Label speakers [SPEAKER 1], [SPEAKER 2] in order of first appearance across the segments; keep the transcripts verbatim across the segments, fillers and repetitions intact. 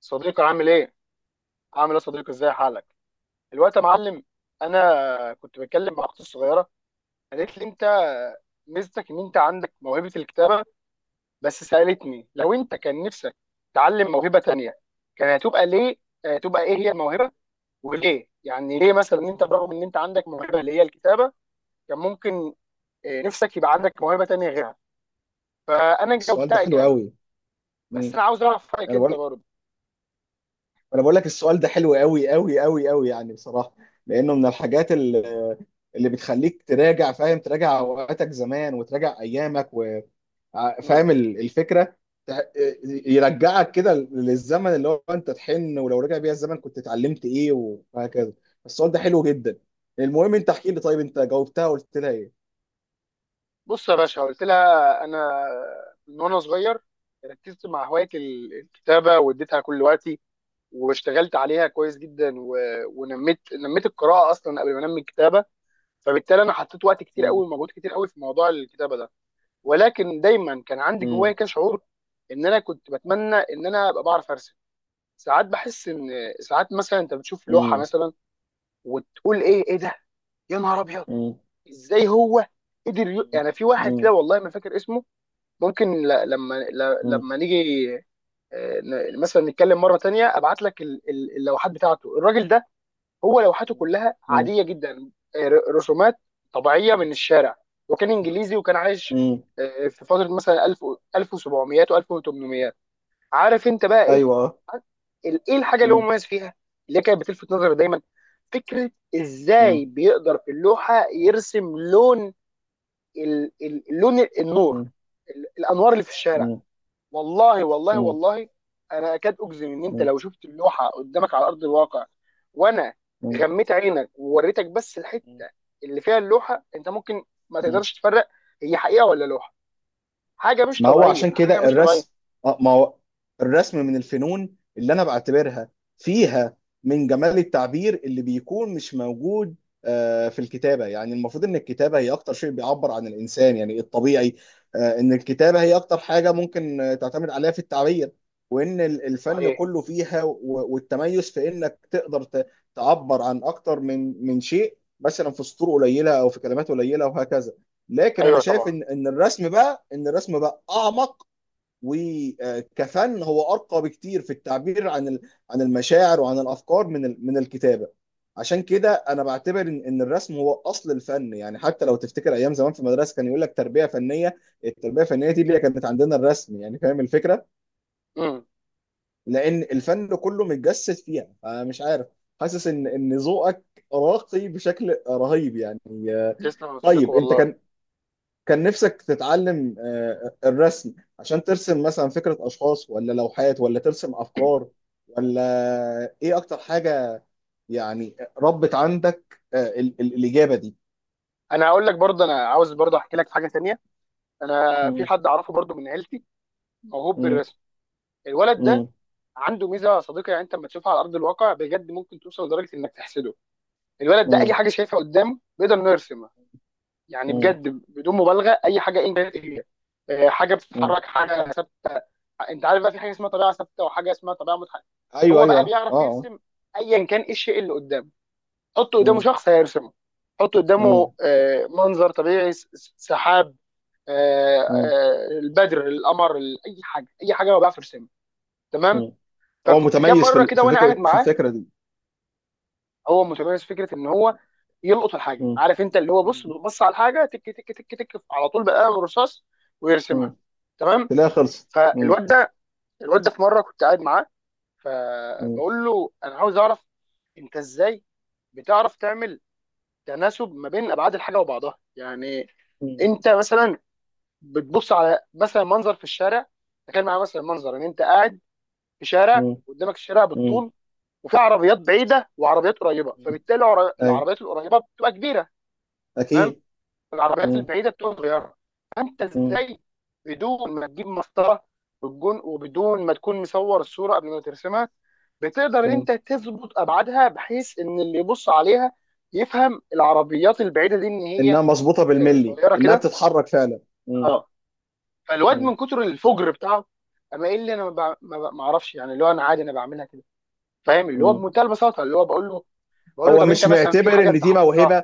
[SPEAKER 1] صديقي عامل ايه؟ عامل ايه يا صديقي، ازاي حالك؟ الوقت يا معلم. انا كنت بتكلم مع اختي الصغيره. قالت لي انت ميزتك ان انت عندك موهبه الكتابه، بس سالتني لو انت كان نفسك تعلم موهبه تانية كان هتبقى ليه؟ آه، هتبقى ايه هي الموهبه وليه؟ يعني ليه مثلا ان انت برغم ان انت عندك موهبه اللي هي الكتابه، كان ممكن آه، نفسك يبقى عندك موهبه تانية غيرها. فانا
[SPEAKER 2] السؤال ده
[SPEAKER 1] جاوبتها
[SPEAKER 2] حلو
[SPEAKER 1] اجابه،
[SPEAKER 2] قوي.
[SPEAKER 1] بس
[SPEAKER 2] مم.
[SPEAKER 1] انا عاوز اعرف رايك
[SPEAKER 2] انا
[SPEAKER 1] انت
[SPEAKER 2] بقول
[SPEAKER 1] برضه.
[SPEAKER 2] انا بقول لك السؤال ده حلو قوي قوي قوي قوي، يعني بصراحه، لانه من الحاجات اللي, اللي بتخليك تراجع، فاهم تراجع اوقاتك زمان، وتراجع ايامك و... ع- فاهم ال- الفكره، تع- يرجعك كده للزمن اللي هو انت تحن، ولو رجع بيها الزمن كنت اتعلمت ايه، وهكذا. السؤال ده حلو جدا. المهم انت احكي لي، طيب انت جاوبتها وقلت لها ايه؟
[SPEAKER 1] بص يا باشا، قلت لها انا من وانا صغير ركزت مع هوايه ال- الكتابه، واديتها كل وقتي، واشتغلت عليها كويس جدا و... ونميت، نميت القراءه اصلا قبل ما انمي الكتابه. فبالتالي انا حطيت وقت كتير
[SPEAKER 2] مم.
[SPEAKER 1] قوي ومجهود كتير قوي في موضوع الكتابه ده، ولكن دايما كان عندي جوايا
[SPEAKER 2] مم.
[SPEAKER 1] كده شعور ان انا كنت بتمنى ان انا ابقى بعرف ارسم. ساعات بحس ان، ساعات مثلا انت بتشوف لوحه
[SPEAKER 2] مم.
[SPEAKER 1] مثلا وتقول ايه ايه ده، يا نهار ابيض،
[SPEAKER 2] مم.
[SPEAKER 1] ازاي هو قدر ي... يعني في واحد
[SPEAKER 2] مم.
[SPEAKER 1] كده والله ما فاكر اسمه، ممكن ل- لما ل-
[SPEAKER 2] مم.
[SPEAKER 1] لما نيجي آه، ن- مثلا نتكلم مره تانية ابعت لك ال- ال- اللوحات بتاعته، الراجل ده هو لوحاته كلها
[SPEAKER 2] مم.
[SPEAKER 1] عاديه جدا، آه، ر- رسومات طبيعيه
[SPEAKER 2] مم.
[SPEAKER 1] من الشارع. وكان انجليزي وكان عايش
[SPEAKER 2] مم.
[SPEAKER 1] آه، في فتره مثلا ألف و- ألف وسبعمية و1800. عارف انت بقى ايه
[SPEAKER 2] ايوه.
[SPEAKER 1] ال- ايه الحاجه اللي هو
[SPEAKER 2] مم.
[SPEAKER 1] مميز فيها، اللي كانت بتلفت نظري دايما؟ فكره ازاي
[SPEAKER 2] مم.
[SPEAKER 1] بيقدر في اللوحه يرسم لون ال- ال- لون النور،
[SPEAKER 2] مم.
[SPEAKER 1] ال- الانوار اللي في الشارع.
[SPEAKER 2] مم.
[SPEAKER 1] والله والله
[SPEAKER 2] مم.
[SPEAKER 1] والله، انا اكاد اجزم ان انت لو شفت اللوحه قدامك على ارض الواقع وانا
[SPEAKER 2] مم.
[SPEAKER 1] غميت عينك ووريتك بس الحته اللي فيها اللوحه، انت ممكن ما
[SPEAKER 2] مم.
[SPEAKER 1] تقدرش تفرق هي حقيقه ولا لوحه. حاجه مش
[SPEAKER 2] ما هو
[SPEAKER 1] طبيعيه،
[SPEAKER 2] عشان
[SPEAKER 1] حاجه
[SPEAKER 2] كده
[SPEAKER 1] مش طبيعيه.
[SPEAKER 2] الرسم، اه ما هو الرسم من الفنون اللي انا بعتبرها فيها من جمال التعبير اللي بيكون مش موجود آه، في الكتابة. يعني المفروض ان الكتابة هي اكتر شيء بيعبر عن الانسان، يعني الطبيعي، آه، ان الكتابة هي اكتر حاجة ممكن آه، تعتمد عليها في التعبير، وان ال- الفن
[SPEAKER 1] صحيح.
[SPEAKER 2] كله فيها و- والتميز في انك تقدر ت- تعبر عن اكتر من من شيء، مثلا في سطور قليلة او في كلمات قليلة، وهكذا. لكن انا
[SPEAKER 1] ايوه
[SPEAKER 2] شايف
[SPEAKER 1] طبعا.
[SPEAKER 2] ان ان الرسم بقى ان الرسم بقى اعمق، وكفن هو ارقى بكتير في التعبير عن ال- عن المشاعر وعن الافكار من ال- من الكتابه. عشان كده انا بعتبر ان إن الرسم هو اصل الفن، يعني حتى لو تفتكر ايام زمان في المدرسه كان يقول لك تربيه فنيه. التربيه الفنيه دي اللي هي كانت عندنا الرسم، يعني فاهم الفكره،
[SPEAKER 1] امم
[SPEAKER 2] لان الفن كله متجسد فيها. مش عارف، حاسس ان ان ذوقك راقي بشكل رهيب يعني. آه،
[SPEAKER 1] تسلم يا صديقي
[SPEAKER 2] طيب انت
[SPEAKER 1] والله.
[SPEAKER 2] كان، كان نفسك تتعلم آه، الرسم، عشان ترسم مثلا فكرة أشخاص، ولا لوحات، ولا ترسم أفكار، ولا إيه أكتر حاجة؟ يعني ربت عندك آه، ال- ال- الإجابة دي.
[SPEAKER 1] انا هقول لك برضه، انا عاوز برضه احكي لك حاجه ثانيه. انا في
[SPEAKER 2] مم.
[SPEAKER 1] حد اعرفه برضه من عيلتي موهوب
[SPEAKER 2] مم.
[SPEAKER 1] بالرسم. الولد ده
[SPEAKER 2] مم.
[SPEAKER 1] عنده ميزه يا صديقي، يعني انت لما تشوفها على ارض الواقع بجد ممكن توصل لدرجه انك تحسده. الولد ده اي
[SPEAKER 2] مم.
[SPEAKER 1] حاجه شايفها قدامه بيقدر انه يرسمها. يعني
[SPEAKER 2] مم.
[SPEAKER 1] بجد بدون مبالغه، اي حاجه انت هي، آه، حاجه
[SPEAKER 2] مم.
[SPEAKER 1] بتتحرك، حاجه ثابته. انت عارف بقى في حاجه اسمها طبيعه ثابته وحاجه اسمها طبيعه متحركه.
[SPEAKER 2] أيوه
[SPEAKER 1] هو بقى
[SPEAKER 2] أيوه أه
[SPEAKER 1] بيعرف
[SPEAKER 2] آه.
[SPEAKER 1] يرسم ايا كان ايه الشيء اللي قدامه. حط قدامه
[SPEAKER 2] مم.
[SPEAKER 1] شخص هيرسمه، حط قدامه
[SPEAKER 2] مم.
[SPEAKER 1] آه، منظر طبيعي، س- س- سحاب، آه،
[SPEAKER 2] مم.
[SPEAKER 1] آه، البدر، القمر، ال- اي حاجه، اي حاجه هو بيعرف يرسمها. تمام.
[SPEAKER 2] مم. هو
[SPEAKER 1] ففي كام
[SPEAKER 2] متميز في
[SPEAKER 1] مره
[SPEAKER 2] ال-
[SPEAKER 1] كده
[SPEAKER 2] في
[SPEAKER 1] وانا قاعد
[SPEAKER 2] فكرة في
[SPEAKER 1] معاه،
[SPEAKER 2] الفكرة دي.
[SPEAKER 1] هو متميز في فكره ان هو يلقط الحاجه،
[SPEAKER 2] مم.
[SPEAKER 1] عارف انت، اللي هو
[SPEAKER 2] مم.
[SPEAKER 1] بص، بص على الحاجه تك تك تك تك على طول بقلم الرصاص ويرسمها.
[SPEAKER 2] مم.
[SPEAKER 1] تمام.
[SPEAKER 2] تلاقيها خلصت. مم.
[SPEAKER 1] فالواد ده الواد ده في مره كنت قاعد معاه،
[SPEAKER 2] مم.
[SPEAKER 1] فبقول له انا عاوز اعرف، انت ازاي بتعرف تعمل تناسب ما بين ابعاد الحاجه وبعضها؟ يعني
[SPEAKER 2] مم.
[SPEAKER 1] انت مثلا بتبص على مثلا منظر في الشارع، تخيل معايا مثلا منظر ان انت قاعد في شارع
[SPEAKER 2] مم.
[SPEAKER 1] قدامك الشارع
[SPEAKER 2] مم.
[SPEAKER 1] بالطول، وفي عربيات بعيده وعربيات قريبه، فبالتالي العر-
[SPEAKER 2] أيوه،
[SPEAKER 1] العربيات القريبه بتبقى كبيره، تمام،
[SPEAKER 2] أكيد.
[SPEAKER 1] العربيات
[SPEAKER 2] مم.
[SPEAKER 1] البعيده بتبقى صغيره. فانت ازاي بدون ما تجيب مسطره والجون، وبدون ما تكون مصور الصوره قبل ما ترسمها، بتقدر ان
[SPEAKER 2] مم.
[SPEAKER 1] انت تظبط ابعادها بحيث ان اللي يبص عليها يفهم العربيات البعيده دي ان هي
[SPEAKER 2] انها مظبوطه
[SPEAKER 1] آه،
[SPEAKER 2] بالملي،
[SPEAKER 1] قصيره
[SPEAKER 2] انها
[SPEAKER 1] كده؟
[SPEAKER 2] بتتحرك فعلا. مم.
[SPEAKER 1] اه. فالواد
[SPEAKER 2] مم.
[SPEAKER 1] من كتر الفجر بتاعه، اما ايه اللي انا ما بع- ما بع- ما اعرفش، يعني اللي هو انا عادي انا بعملها كده، فاهم، اللي هو
[SPEAKER 2] مم.
[SPEAKER 1] بمنتهى البساطه. اللي هو بقول له بقول له
[SPEAKER 2] هو
[SPEAKER 1] طب انت
[SPEAKER 2] مش
[SPEAKER 1] مثلا في
[SPEAKER 2] معتبر
[SPEAKER 1] حاجه
[SPEAKER 2] ان
[SPEAKER 1] انت
[SPEAKER 2] دي
[SPEAKER 1] حافظها؟
[SPEAKER 2] موهبه.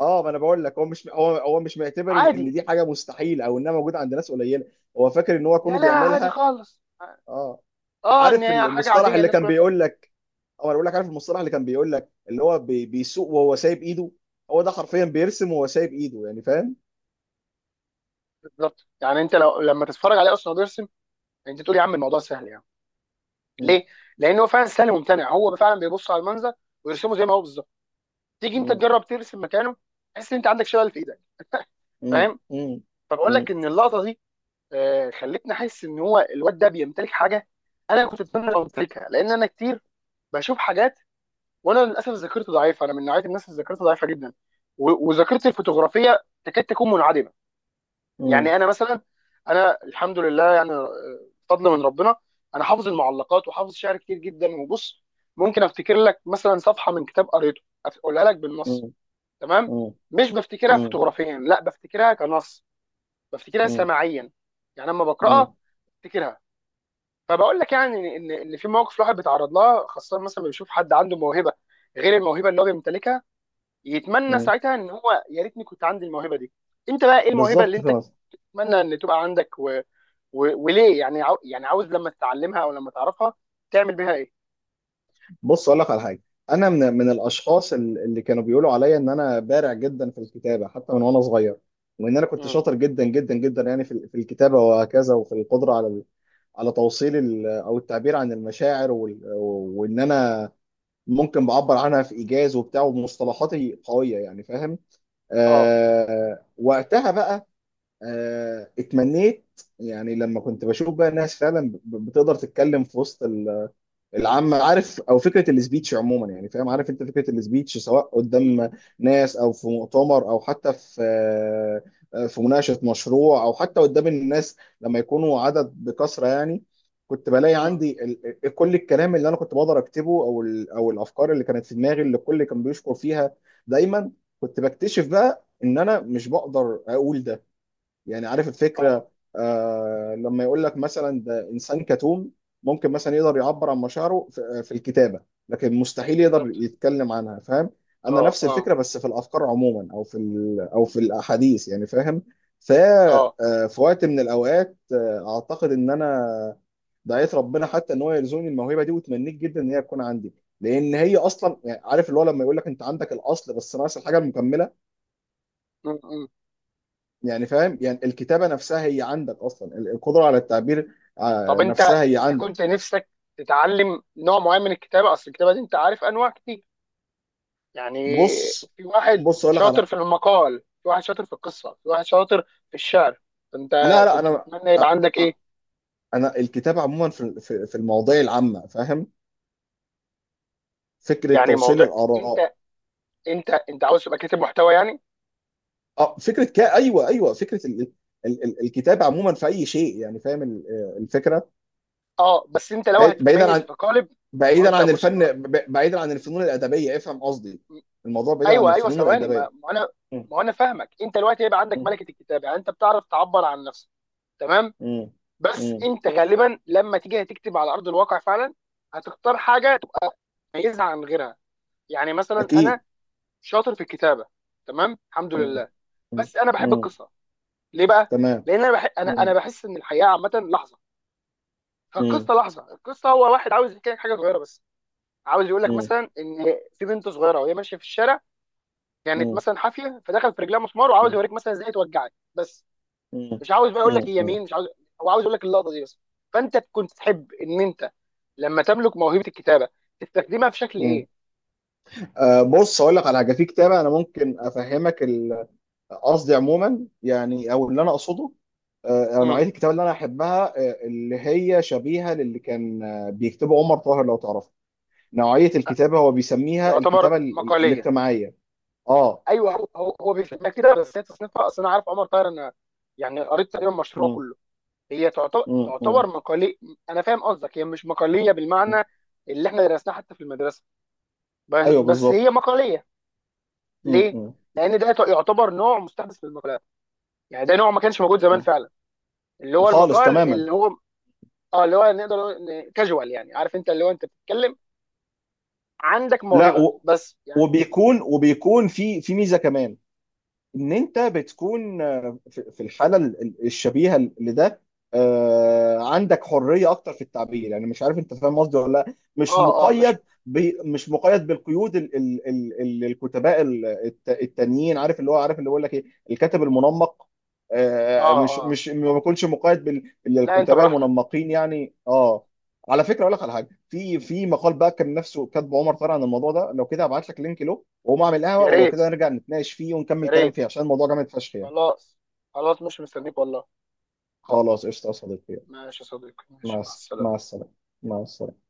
[SPEAKER 2] اه، ما انا بقول لك هو مش هو هو مش معتبر ان إن
[SPEAKER 1] عادي،
[SPEAKER 2] دي حاجه مستحيله، او انها موجوده عند ناس قليله. هو فاكر ان هو
[SPEAKER 1] لا
[SPEAKER 2] كونه
[SPEAKER 1] لا، عادي
[SPEAKER 2] بيعملها.
[SPEAKER 1] خالص.
[SPEAKER 2] اه.
[SPEAKER 1] اه، ان
[SPEAKER 2] عارف
[SPEAKER 1] هي حاجه
[SPEAKER 2] المصطلح
[SPEAKER 1] عاديه
[SPEAKER 2] اللي
[SPEAKER 1] الناس
[SPEAKER 2] كان
[SPEAKER 1] كلها بتعملها.
[SPEAKER 2] بيقول لك، او انا بقول لك عارف المصطلح اللي كان بيقول لك اللي هو بي- بيسوق وهو سايب ايده. هو ده حرفيا بيرسم وهو سايب ايده، يعني فاهم.
[SPEAKER 1] بالظبط، يعني انت لو لما تتفرج عليه اصلا بيرسم، انت تقول يا عم الموضوع سهل يعني.
[SPEAKER 2] مم.
[SPEAKER 1] ليه؟ لان هو فعلا سهل وممتنع، هو فعلا بيبص على المنظر ويرسمه زي ما هو بالظبط. تيجي انت
[SPEAKER 2] مم.
[SPEAKER 1] تجرب ترسم مكانه، تحس ان انت عندك شلل في ايدك.
[SPEAKER 2] مم.
[SPEAKER 1] فاهم؟
[SPEAKER 2] مم.
[SPEAKER 1] فبقول
[SPEAKER 2] مم.
[SPEAKER 1] لك ان اللقطه دي آه، خلتني احس ان هو الواد ده بيمتلك حاجه انا كنت اتمنى لو امتلكها، لان انا كتير بشوف حاجات وانا للاسف ذاكرتي ضعيفه. انا من نوعيه الناس اللي ذاكرتها ضعيفه جدا، و- وذاكرتي الفوتوغرافيه تكاد تكون منعدمه.
[SPEAKER 2] مم.
[SPEAKER 1] يعني انا مثلا، انا الحمد لله يعني آه، فضل من ربنا، انا حافظ المعلقات وحافظ شعر كتير جدا. وبص، ممكن افتكر لك مثلا صفحه من كتاب قريته اقولها لك بالنص، تمام.
[SPEAKER 2] مم.
[SPEAKER 1] مش بفتكرها
[SPEAKER 2] مم.
[SPEAKER 1] فوتوغرافيا، لا، بفتكرها كنص، بفتكرها
[SPEAKER 2] مم.
[SPEAKER 1] سماعيا. يعني لما
[SPEAKER 2] مم.
[SPEAKER 1] بقراها بفتكرها. فبقول لك يعني ان ان في مواقف الواحد بيتعرض لها، خاصه مثلا بيشوف حد عنده موهبه غير الموهبه اللي هو بيمتلكها، يتمنى ساعتها ان هو يا ريتني كنت عندي الموهبه دي. انت بقى ايه الموهبه اللي
[SPEAKER 2] بالظبط.
[SPEAKER 1] انت تتمنى ان تبقى عندك، و- وليه؟ يعني عاو... يعني عاوز لما تتعلمها او لما تعرفها تعمل بيها ايه؟
[SPEAKER 2] بص اقول لك على حاجه. انا من من الاشخاص ال- اللي كانوا بيقولوا عليا ان انا بارع جدا في الكتابه حتى من وانا صغير، وان انا كنت
[SPEAKER 1] مم.
[SPEAKER 2] شاطر جدا جدا جدا يعني في ال- في الكتابه وهكذا، وفي القدره على ال- على توصيل ال- او التعبير عن المشاعر وال- وان انا ممكن بعبر عنها في ايجاز وبتاع، ومصطلحاتي قويه، يعني فاهم.
[SPEAKER 1] اه.
[SPEAKER 2] آه وقتها بقى، آه اتمنيت، يعني لما كنت بشوف بقى الناس فعلا ب- بتقدر تتكلم في وسط العامة، عارف، او فكرة السبيتش عموما يعني فاهم، عارف انت فكرة السبيتش، سواء
[SPEAKER 1] مم.
[SPEAKER 2] قدام ناس، او في مؤتمر، او حتى في آه، في مناقشة مشروع، او حتى قدام الناس لما يكونوا عدد بكثرة يعني. كنت بلاقي
[SPEAKER 1] مم.
[SPEAKER 2] عندي ال- ال- كل الكلام اللي انا كنت بقدر اكتبه، او ال- او الافكار اللي كانت في دماغي اللي الكل كان بيشكر فيها دايما. كنت بكتشف بقى ان انا مش بقدر اقول ده، يعني عارف
[SPEAKER 1] اه.
[SPEAKER 2] الفكرة. آه لما يقول لك مثلا ده إنسان كتوم، ممكن مثلا يقدر يعبر عن مشاعره في, آه، في الكتابة، لكن مستحيل يقدر
[SPEAKER 1] بالظبط.
[SPEAKER 2] يتكلم عنها، فاهم. أنا
[SPEAKER 1] اه،
[SPEAKER 2] نفس
[SPEAKER 1] اه،
[SPEAKER 2] الفكرة، بس في الأفكار عموما، أو في ال، أو في الأحاديث، يعني فاهم. ف
[SPEAKER 1] اه.
[SPEAKER 2] آه، في وقت من الأوقات، آه، أعتقد إن أنا دعيت ربنا حتى إن هو يرزقني الموهبة دي، وتمنيت جدا إن هي تكون عندي. لأن هي أصلا يعني عارف اللي هو لما يقول لك أنت عندك الأصل بس ناقص الحاجة المكملة.
[SPEAKER 1] مم. مم.
[SPEAKER 2] يعني فاهم، يعني الكتابة نفسها هي عندك أصلا ال- القدرة على التعبير،
[SPEAKER 1] طب
[SPEAKER 2] آه،
[SPEAKER 1] انت
[SPEAKER 2] نفسها هي
[SPEAKER 1] انت
[SPEAKER 2] عندك.
[SPEAKER 1] كنت نفسك تتعلم نوع معين من الكتابه؟ اصل الكتابه دي انت عارف انواع كتير يعني،
[SPEAKER 2] بص
[SPEAKER 1] في واحد
[SPEAKER 2] بص أقول لك على،
[SPEAKER 1] شاطر في المقال، في واحد شاطر في القصه، في واحد شاطر في الشعر. فانت
[SPEAKER 2] لا لا
[SPEAKER 1] كنت
[SPEAKER 2] أنا،
[SPEAKER 1] تتمنى يبقى
[SPEAKER 2] آه،
[SPEAKER 1] عندك ايه؟
[SPEAKER 2] آه، أنا الكتابة عموما في في في المواضيع العامة فاهم، فكرة
[SPEAKER 1] يعني
[SPEAKER 2] توصيل
[SPEAKER 1] موضوع،
[SPEAKER 2] الآراء.
[SPEAKER 1] انت انت انت عاوز تبقى كاتب محتوى يعني؟
[SPEAKER 2] آه، فكرة كا أيوه أيوه فكرة ال... ال... ال- الكتابة عموما في أي شيء، يعني فاهم ال- آه، الفكرة.
[SPEAKER 1] اه. بس انت لو
[SPEAKER 2] بعيد- بعيدا
[SPEAKER 1] هتتميز
[SPEAKER 2] عن،
[SPEAKER 1] في قالب، ما هو
[SPEAKER 2] بعيدا
[SPEAKER 1] انت
[SPEAKER 2] عن
[SPEAKER 1] بص.
[SPEAKER 2] الفن، ب- بعيدا عن الفنون الأدبية، افهم قصدي. الموضوع بعيدا عن
[SPEAKER 1] ايوه، ايوه،
[SPEAKER 2] الفنون
[SPEAKER 1] ثواني، ما
[SPEAKER 2] الأدبية.
[SPEAKER 1] ما انا
[SPEAKER 2] م-
[SPEAKER 1] ما انا فاهمك. انت دلوقتي هيبقى عندك
[SPEAKER 2] م-
[SPEAKER 1] ملكه الكتابه يعني، انت بتعرف تعبر عن نفسك، تمام،
[SPEAKER 2] م-
[SPEAKER 1] بس
[SPEAKER 2] م.
[SPEAKER 1] انت غالبا لما تيجي هتكتب على ارض الواقع فعلا، هتختار حاجه تبقى مميزه عن غيرها. يعني مثلا انا
[SPEAKER 2] أكيد.
[SPEAKER 1] شاطر في الكتابه، تمام، الحمد
[SPEAKER 2] مم.
[SPEAKER 1] لله،
[SPEAKER 2] مم.
[SPEAKER 1] بس انا بحب
[SPEAKER 2] مم.
[SPEAKER 1] القصه. ليه بقى؟
[SPEAKER 2] تمام.
[SPEAKER 1] لان انا بح... انا انا
[SPEAKER 2] مم.
[SPEAKER 1] بحس ان الحياه عامه لحظه،
[SPEAKER 2] مم.
[SPEAKER 1] فالقصه لحظه. القصه هو واحد عاوز يحكي لك حاجه صغيره بس، عاوز يقول لك
[SPEAKER 2] مم.
[SPEAKER 1] مثلا ان في بنت صغيره وهي ماشيه في الشارع كانت
[SPEAKER 2] مم.
[SPEAKER 1] مثلا حافيه فدخل في رجلها مسمار، وعاوز
[SPEAKER 2] مم.
[SPEAKER 1] يوريك مثلا ازاي توجعك بس،
[SPEAKER 2] مم.
[SPEAKER 1] مش عاوز بقى يقول لك هي
[SPEAKER 2] مم.
[SPEAKER 1] مين، مش عاوز. هو عاوز يقول لك اللقطه دي بس. فانت كنت تحب ان انت لما تملك موهبه الكتابه تستخدمها في شكل
[SPEAKER 2] مم.
[SPEAKER 1] ايه؟
[SPEAKER 2] آه، بص اقول لك على حاجه في كتاب، انا ممكن افهمك ال- قصدي عموما يعني، او اللي انا اقصده، آه،
[SPEAKER 1] امم
[SPEAKER 2] نوعيه الكتاب اللي انا احبها، آه، اللي هي شبيهه للي كان آه، بيكتبه عمر طاهر، لو تعرفه. نوعيه الكتابه هو بيسميها
[SPEAKER 1] يعتبر
[SPEAKER 2] الكتابه ال- ال-
[SPEAKER 1] مقاليه.
[SPEAKER 2] الاجتماعيه. اه.
[SPEAKER 1] ايوه، هو هو, هو, بيفهمها كده، بس هي تصنيفها، اصل انا عارف عمر طاهر، انا يعني قريت تقريبا مشروعه
[SPEAKER 2] مم.
[SPEAKER 1] كله. هي تعتبر
[SPEAKER 2] مم. مم.
[SPEAKER 1] تعتبر مقاليه. انا فاهم قصدك، هي مش مقاليه
[SPEAKER 2] مم.
[SPEAKER 1] بالمعنى اللي احنا درسناه حتى في المدرسه،
[SPEAKER 2] ايوه
[SPEAKER 1] ب- بس
[SPEAKER 2] بالظبط.
[SPEAKER 1] هي مقاليه.
[SPEAKER 2] مم.
[SPEAKER 1] ليه؟
[SPEAKER 2] مم.
[SPEAKER 1] لان ده يعتبر نوع مستحدث من المقالات، يعني ده نوع ما كانش موجود زمان
[SPEAKER 2] مم.
[SPEAKER 1] فعلا. اللي هو
[SPEAKER 2] خالص
[SPEAKER 1] المقال،
[SPEAKER 2] تماما.
[SPEAKER 1] اللي هو اه اللي هو نقدر نقول كاجوال يعني، عارف انت، اللي هو انت بتتكلم، عندك
[SPEAKER 2] لا
[SPEAKER 1] موهبه
[SPEAKER 2] و...
[SPEAKER 1] بس يعني.
[SPEAKER 2] وبيكون، وبيكون في في ميزه كمان، ان انت بتكون آه، في في الحاله ال- ال- الشبيهه لده، آه، عندك حريه اكتر في التعبير، يعني مش عارف انت فاهم قصدي ولا لا، مش
[SPEAKER 1] اه، اه، مش،
[SPEAKER 2] مقيد، ب- مش مقيد بالقيود ال- ال- ال- ال- الكتباء ال- الت- التانيين، عارف اللي هو، عارف اللي بيقول لك ايه، الكاتب المنمق، آه،
[SPEAKER 1] اه،
[SPEAKER 2] مش
[SPEAKER 1] اه،
[SPEAKER 2] مش ما بيكونش مقيد بال-
[SPEAKER 1] لا، انت
[SPEAKER 2] بالكتباء
[SPEAKER 1] براحتك.
[SPEAKER 2] المنمقين يعني، اه. على فكره اقول لك على حاجه في في مقال بقى كان نفسه كاتبه عمر طارق عن الموضوع ده، لو كده هبعت لك لينك له واقوم اعمل قهوه،
[SPEAKER 1] يا
[SPEAKER 2] ولو
[SPEAKER 1] ريت،
[SPEAKER 2] كده نرجع نتناقش فيه
[SPEAKER 1] يا
[SPEAKER 2] ونكمل كلام
[SPEAKER 1] ريت،
[SPEAKER 2] فيه، عشان الموضوع جامد فشخ يعني.
[SPEAKER 1] خلاص، خلاص، مش مستنيك والله.
[SPEAKER 2] خلاص قشطه يا صديقي.
[SPEAKER 1] ماشي يا صديقي،
[SPEAKER 2] مع
[SPEAKER 1] ماشي، مع
[SPEAKER 2] الس-
[SPEAKER 1] السلامه.
[SPEAKER 2] مع السلامه. مع السلامه.